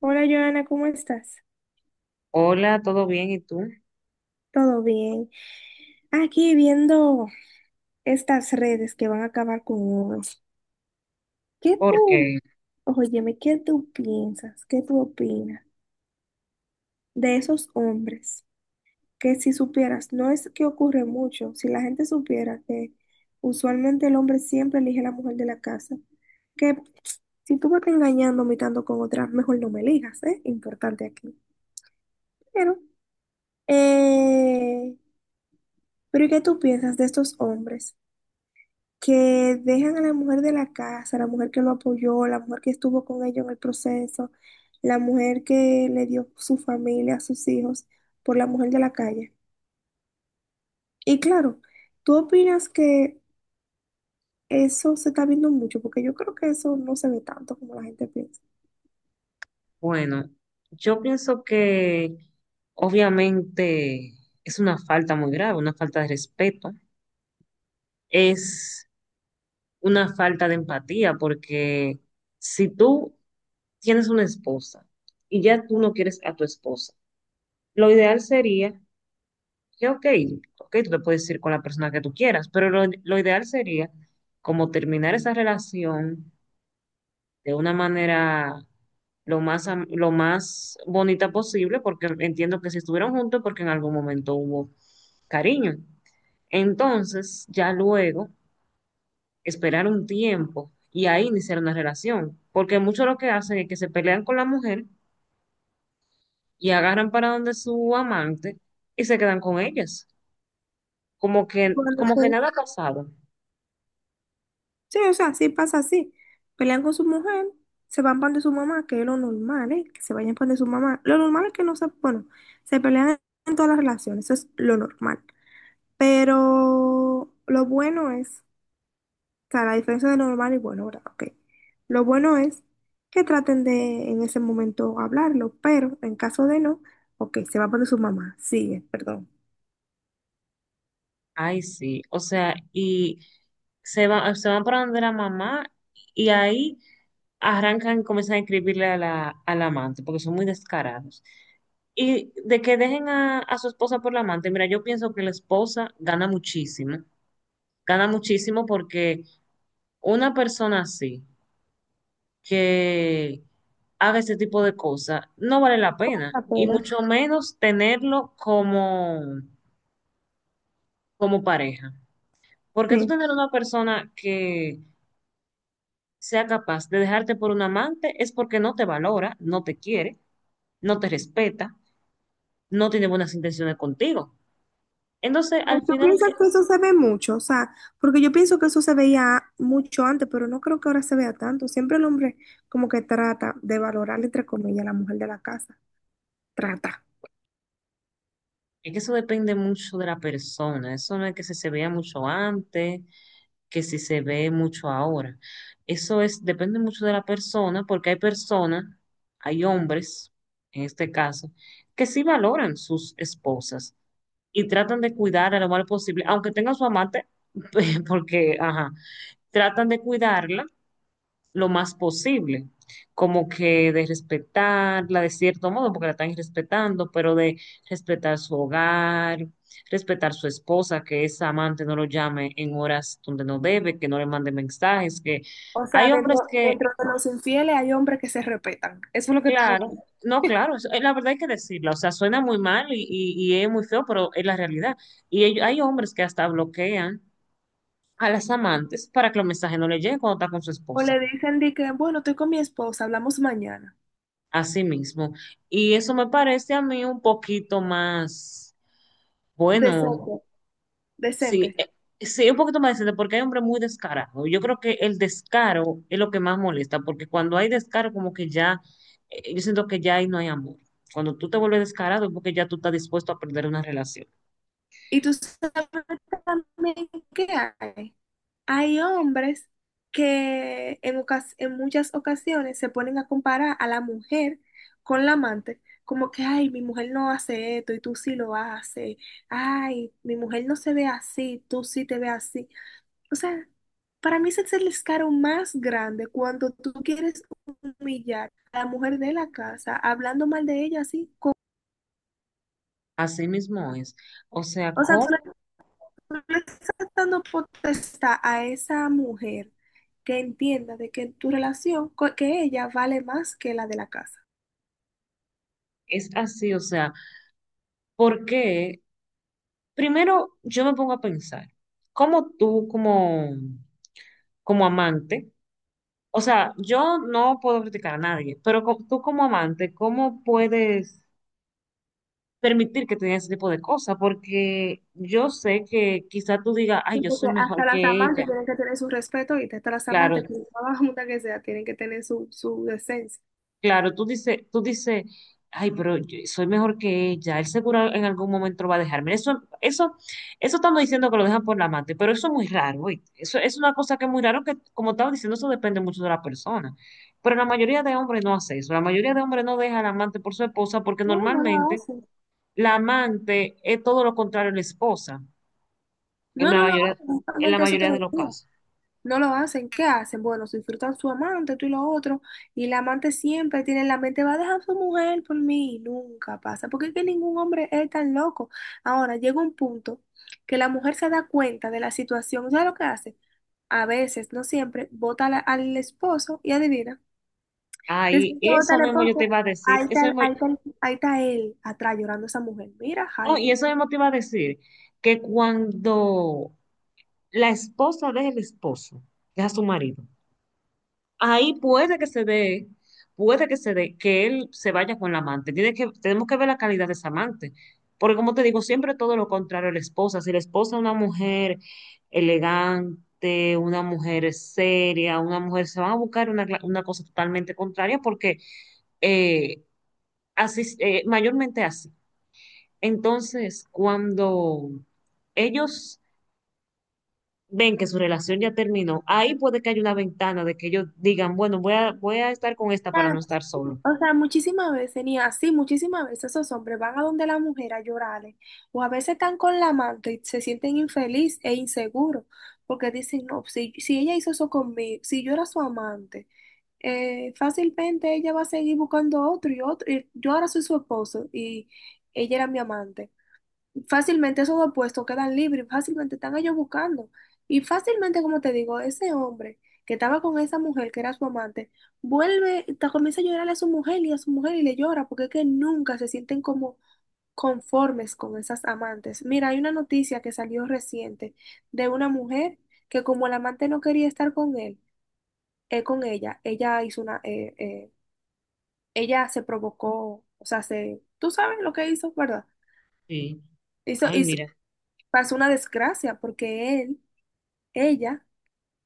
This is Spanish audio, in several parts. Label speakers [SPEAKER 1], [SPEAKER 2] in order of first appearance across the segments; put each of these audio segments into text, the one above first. [SPEAKER 1] Hola, Joana, ¿cómo estás?
[SPEAKER 2] Hola, ¿todo bien? ¿Y tú?
[SPEAKER 1] ¿Todo bien? Aquí viendo estas redes que van a acabar con uno. ¿Qué tú,
[SPEAKER 2] Porque,
[SPEAKER 1] óyeme, qué tú piensas, qué tú opinas de esos hombres que si supieras, no es que ocurre mucho, si la gente supiera que usualmente el hombre siempre elige a la mujer de la casa, que si tú me estás engañando, mitando con otras, mejor no me elijas, ¿eh? Importante aquí. Pero, eh, pero ¿y qué tú piensas de estos hombres que dejan a la mujer de la casa, la mujer que lo apoyó, la mujer que estuvo con ellos en el proceso, la mujer que le dio su familia, sus hijos, por la mujer de la calle? Y claro, ¿tú opinas que eso se está viendo mucho? Porque yo creo que eso no se ve tanto como la gente piensa.
[SPEAKER 2] bueno, yo pienso que obviamente es una falta muy grave, una falta de respeto, es una falta de empatía, porque si tú tienes una esposa y ya tú no quieres a tu esposa, lo ideal sería que, ok, ok, tú te puedes ir con la persona que tú quieras, pero lo ideal sería como terminar esa relación de una manera lo más bonita posible, porque entiendo que si estuvieron juntos, porque en algún momento hubo cariño. Entonces, ya luego, esperar un tiempo y ahí iniciar una relación, porque muchos lo que hacen es que se pelean con la mujer y agarran para donde su amante y se quedan con ellas, como que,
[SPEAKER 1] Bueno,
[SPEAKER 2] como que
[SPEAKER 1] sí.
[SPEAKER 2] nada ha pasado.
[SPEAKER 1] Sí, o sea, sí pasa así. Pelean con su mujer, se van pan de su mamá, que es lo normal, ¿eh? Que se vayan pan de su mamá. Lo normal es que no se, bueno, se pelean en todas las relaciones, eso es lo normal. Pero lo bueno es, o sea, la diferencia de lo normal y bueno, ¿verdad? Ok. Lo bueno es que traten de en ese momento hablarlo, pero en caso de no, ok, se va por su mamá. Sigue, perdón.
[SPEAKER 2] Ay, sí, o sea, y se van para donde la mamá y ahí arrancan, comienzan a escribirle a al amante, porque son muy descarados. Y de que dejen a su esposa por la amante, mira, yo pienso que la esposa gana muchísimo porque una persona así, que haga ese tipo de cosas, no vale la pena,
[SPEAKER 1] La
[SPEAKER 2] y
[SPEAKER 1] pena.
[SPEAKER 2] mucho menos tenerlo como, como pareja. Porque tú
[SPEAKER 1] Sí.
[SPEAKER 2] tener una persona que sea capaz de dejarte por un amante es porque no te valora, no te quiere, no te respeta, no tiene buenas intenciones contigo. Entonces,
[SPEAKER 1] Pero
[SPEAKER 2] al
[SPEAKER 1] ¿tú
[SPEAKER 2] final,
[SPEAKER 1] piensas que eso se ve mucho? O sea, porque yo pienso que eso se veía mucho antes, pero no creo que ahora se vea tanto. Siempre el hombre como que trata de valorar, entre comillas, a la mujer de la casa. Trata.
[SPEAKER 2] es que eso depende mucho de la persona. Eso no es que si se vea mucho antes, que si se ve mucho ahora. Eso es, depende mucho de la persona, porque hay personas, hay hombres, en este caso, que sí valoran sus esposas y tratan de cuidarla lo más posible, aunque tengan su amante, porque, ajá, tratan de cuidarla lo más posible, como que de respetarla de cierto modo, porque la están respetando, pero de respetar su hogar, respetar su esposa, que esa amante no lo llame en horas donde no debe, que no le mande mensajes, que
[SPEAKER 1] O
[SPEAKER 2] hay
[SPEAKER 1] sea, dentro,
[SPEAKER 2] hombres que,
[SPEAKER 1] dentro de los infieles hay hombres que se respetan. Eso es lo que tú me
[SPEAKER 2] claro,
[SPEAKER 1] dices.
[SPEAKER 2] no, claro, la verdad hay que decirla, o sea, suena muy mal y es muy feo, pero es la realidad. Hay hombres que hasta bloquean a las amantes para que los mensajes no le lleguen cuando está con su
[SPEAKER 1] O
[SPEAKER 2] esposa.
[SPEAKER 1] le dicen de que, bueno, estoy con mi esposa, hablamos mañana.
[SPEAKER 2] Así mismo. Y eso me parece a mí un poquito más, bueno,
[SPEAKER 1] Decente, decente.
[SPEAKER 2] sí, sí, un poquito más decente, porque hay hombres muy descarados. Yo creo que el descaro es lo que más molesta, porque cuando hay descaro, como que ya, yo siento que ya ahí no hay amor. Cuando tú te vuelves descarado es porque ya tú estás dispuesto a perder una relación.
[SPEAKER 1] ¿Y tú sabes qué hay? Hay hombres que en, ocas- en muchas ocasiones se ponen a comparar a la mujer con la amante, como que, ay, mi mujer no hace esto y tú sí lo haces, ay, mi mujer no se ve así, tú sí te ves así. O sea, para mí ese es el escaro más grande cuando tú quieres humillar a la mujer de la casa, hablando mal de ella así.
[SPEAKER 2] Así mismo es. O sea,
[SPEAKER 1] O sea, tú le,
[SPEAKER 2] ¿cómo
[SPEAKER 1] tú le estás dando potestad a esa mujer que entienda de que tu relación, co- que ella vale más que la de la casa.
[SPEAKER 2] es así? O sea, porque primero yo me pongo a pensar, ¿cómo tú como amante? O sea, yo no puedo criticar a nadie, pero tú como amante, ¿cómo puedes permitir que te digan ese tipo de cosas? Porque yo sé que quizá tú digas, ay,
[SPEAKER 1] Sí.
[SPEAKER 2] yo
[SPEAKER 1] Porque
[SPEAKER 2] soy
[SPEAKER 1] hasta
[SPEAKER 2] mejor
[SPEAKER 1] las
[SPEAKER 2] que
[SPEAKER 1] amantes
[SPEAKER 2] ella.
[SPEAKER 1] tienen que tener su respeto y hasta las amantes,
[SPEAKER 2] Claro,
[SPEAKER 1] por más junta que sea, tienen que tener su, su decencia.
[SPEAKER 2] claro, tú dices, ay, pero yo soy mejor que ella, él seguro en algún momento lo va a dejar. Mira, eso estamos diciendo que lo dejan por la amante, pero eso es muy raro, ¿oíste? Eso es una cosa que es muy raro que, como estaba diciendo, eso depende mucho de la persona. Pero la mayoría de hombres no hace eso, la mayoría de hombres no deja al amante por su esposa porque
[SPEAKER 1] No, no la
[SPEAKER 2] normalmente
[SPEAKER 1] hacen.
[SPEAKER 2] la amante es todo lo contrario a la esposa, en
[SPEAKER 1] No,
[SPEAKER 2] la
[SPEAKER 1] no lo
[SPEAKER 2] mayoría,
[SPEAKER 1] hacen.
[SPEAKER 2] en la
[SPEAKER 1] Justamente eso te
[SPEAKER 2] mayoría
[SPEAKER 1] lo
[SPEAKER 2] de los
[SPEAKER 1] decía.
[SPEAKER 2] casos.
[SPEAKER 1] No lo hacen, ¿qué hacen? Bueno, se disfrutan su amante, tú y lo otro, y la amante siempre tiene en la mente, va a dejar a su mujer por mí, y nunca pasa, porque es que ningún hombre es tan loco. Ahora, llega un punto que la mujer se da cuenta de la situación, ¿sabes lo que hace? A veces, no siempre, vota a la- al esposo y adivina.
[SPEAKER 2] Ay,
[SPEAKER 1] Después que vota
[SPEAKER 2] eso
[SPEAKER 1] al
[SPEAKER 2] mismo yo te
[SPEAKER 1] esposo,
[SPEAKER 2] iba a decir,
[SPEAKER 1] ahí
[SPEAKER 2] eso
[SPEAKER 1] está,
[SPEAKER 2] mismo,
[SPEAKER 1] ahí está, ahí está él atrás llorando a esa mujer. Mira,
[SPEAKER 2] no, y
[SPEAKER 1] Jaime.
[SPEAKER 2] eso mismo te iba a decir que cuando la esposa del esposo, que es a su marido. Ahí puede que se dé, puede que se dé, que él se vaya con la amante. Tenemos que ver la calidad de esa amante. Porque como te digo, siempre todo lo contrario a la esposa. Si la esposa es una mujer elegante, una mujer seria, una mujer, se van a buscar una cosa totalmente contraria porque eh, así, mayormente así. Entonces, cuando ellos ven que su relación ya terminó, ahí puede que haya una ventana de que ellos digan, bueno, voy a estar con esta para no
[SPEAKER 1] Ah.
[SPEAKER 2] estar solo.
[SPEAKER 1] O sea, muchísimas veces, ni así, muchísimas veces esos hombres van a donde la mujer a llorarle, o a veces están con la amante y se sienten infeliz e inseguros, porque dicen, no, si, si ella hizo eso conmigo, si yo era su amante, fácilmente ella va a seguir buscando otro y otro, y yo ahora soy su esposo y ella era mi amante. Fácilmente esos dos puestos quedan libres, fácilmente están ellos buscando. Y fácilmente, como te digo, ese hombre que estaba con esa mujer que era su amante, vuelve, ta- comienza a llorarle a su mujer y a su mujer y le llora, porque es que nunca se sienten como conformes con esas amantes. Mira, hay una noticia que salió reciente de una mujer que como el amante no quería estar con él, con ella, ella hizo una, ella se provocó, o sea, se, tú sabes lo que hizo, ¿verdad?
[SPEAKER 2] Sí,
[SPEAKER 1] hizo
[SPEAKER 2] ay,
[SPEAKER 1] hizo
[SPEAKER 2] mira,
[SPEAKER 1] pasó una desgracia porque él, ella,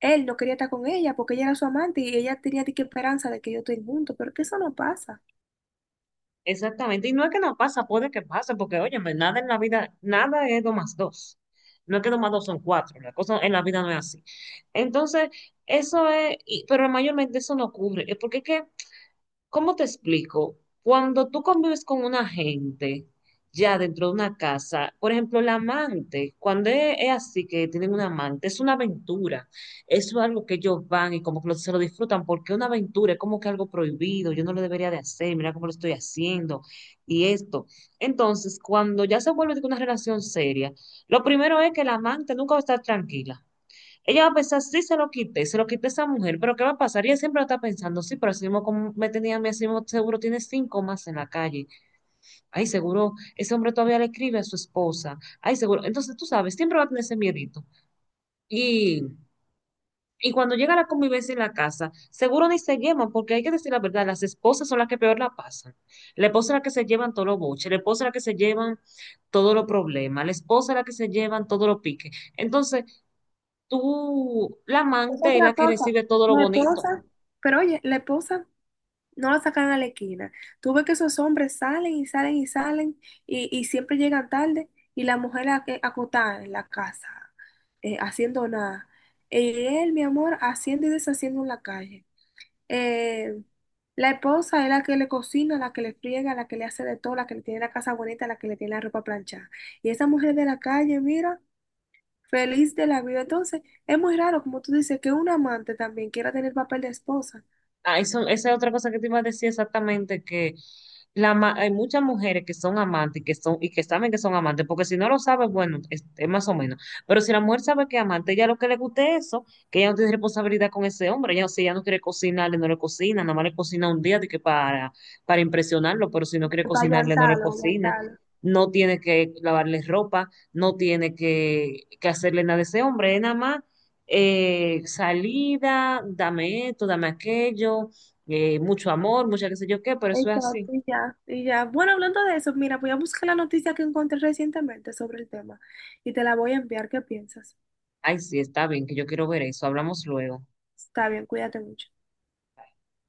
[SPEAKER 1] él no quería estar con ella porque ella era su amante y ella tenía de que esperanza de que yo estén juntos, pero que eso no pasa.
[SPEAKER 2] exactamente. Y no es que no pasa, puede que pase, porque oye, nada en la vida, nada es dos más dos. No es que dos más dos son cuatro, la cosa en la vida no es así. Entonces, eso es, y- pero mayormente eso no ocurre, es porque es que ¿cómo te explico? Cuando tú convives con una gente ya dentro de una casa, por ejemplo, la amante, cuando es así que tienen una amante, es una aventura, es algo que ellos van y como que se lo disfrutan, porque una aventura es como que algo prohibido, yo no lo debería de hacer, mira cómo lo estoy haciendo y esto. Entonces, cuando ya se vuelve de que una relación seria, lo primero es que la amante nunca va a estar tranquila. Ella va a pensar, sí, se lo quité a esa mujer, pero ¿qué va a pasar? Ella siempre va a estar pensando, sí, pero así mismo como me tenía, a mí, así mismo seguro tiene cinco más en la calle. Ay, seguro, ese hombre todavía le escribe a su esposa. Ay, seguro. Entonces, tú sabes, siempre va a tener ese miedito. Y, y cuando llega la convivencia en la casa, seguro ni se llevan, porque hay que decir la verdad, las esposas son las que peor la pasan. La esposa es la que se llevan todos los boches, la esposa es la que se llevan todos los problemas, la esposa es la que se llevan todos los piques. Entonces, tú, la
[SPEAKER 1] Es
[SPEAKER 2] amante es la
[SPEAKER 1] otra
[SPEAKER 2] que
[SPEAKER 1] cosa.
[SPEAKER 2] recibe todo lo
[SPEAKER 1] La
[SPEAKER 2] bonito.
[SPEAKER 1] esposa, pero oye, la esposa no la sacan a la esquina. Tú ves que esos hombres salen y salen y salen y siempre llegan tarde y la mujer a- acotada en la casa, haciendo nada. Y él, mi amor, haciendo y deshaciendo en la calle. eh, la esposa es la que le cocina, la que le friega, la que le hace de todo, la que le tiene la casa bonita, la que le tiene la ropa planchada. Y esa mujer de la calle, mira, feliz de la vida. Entonces, es muy raro, como tú dices, que un amante también quiera tener papel de esposa.
[SPEAKER 2] Ah, eso, esa es otra cosa que te iba a decir exactamente, que hay muchas mujeres que son amantes y que son, y que saben que son amantes, porque si no lo sabes, bueno, es más o menos. Pero si la mujer sabe que es amante, ella lo que le guste es eso, que ella no tiene responsabilidad con ese hombre, ella, no, si ella no quiere cocinarle, no le cocina, nada más le cocina un día de que para impresionarlo, pero si no quiere
[SPEAKER 1] Para
[SPEAKER 2] cocinarle, no le
[SPEAKER 1] allantarlo,
[SPEAKER 2] cocina.
[SPEAKER 1] allantarlo.
[SPEAKER 2] No tiene que lavarle ropa, no tiene que hacerle nada a ese hombre, es nada más salida, dame esto, dame aquello, mucho amor, mucha qué sé yo qué, pero eso es así.
[SPEAKER 1] Exacto, y ya, y ya. Bueno, hablando de eso, mira, voy a buscar la noticia que encontré recientemente sobre el tema y te la voy a enviar. ¿Qué piensas?
[SPEAKER 2] Ay, sí, está bien, que yo quiero ver eso. Hablamos luego.
[SPEAKER 1] Está bien, cuídate mucho.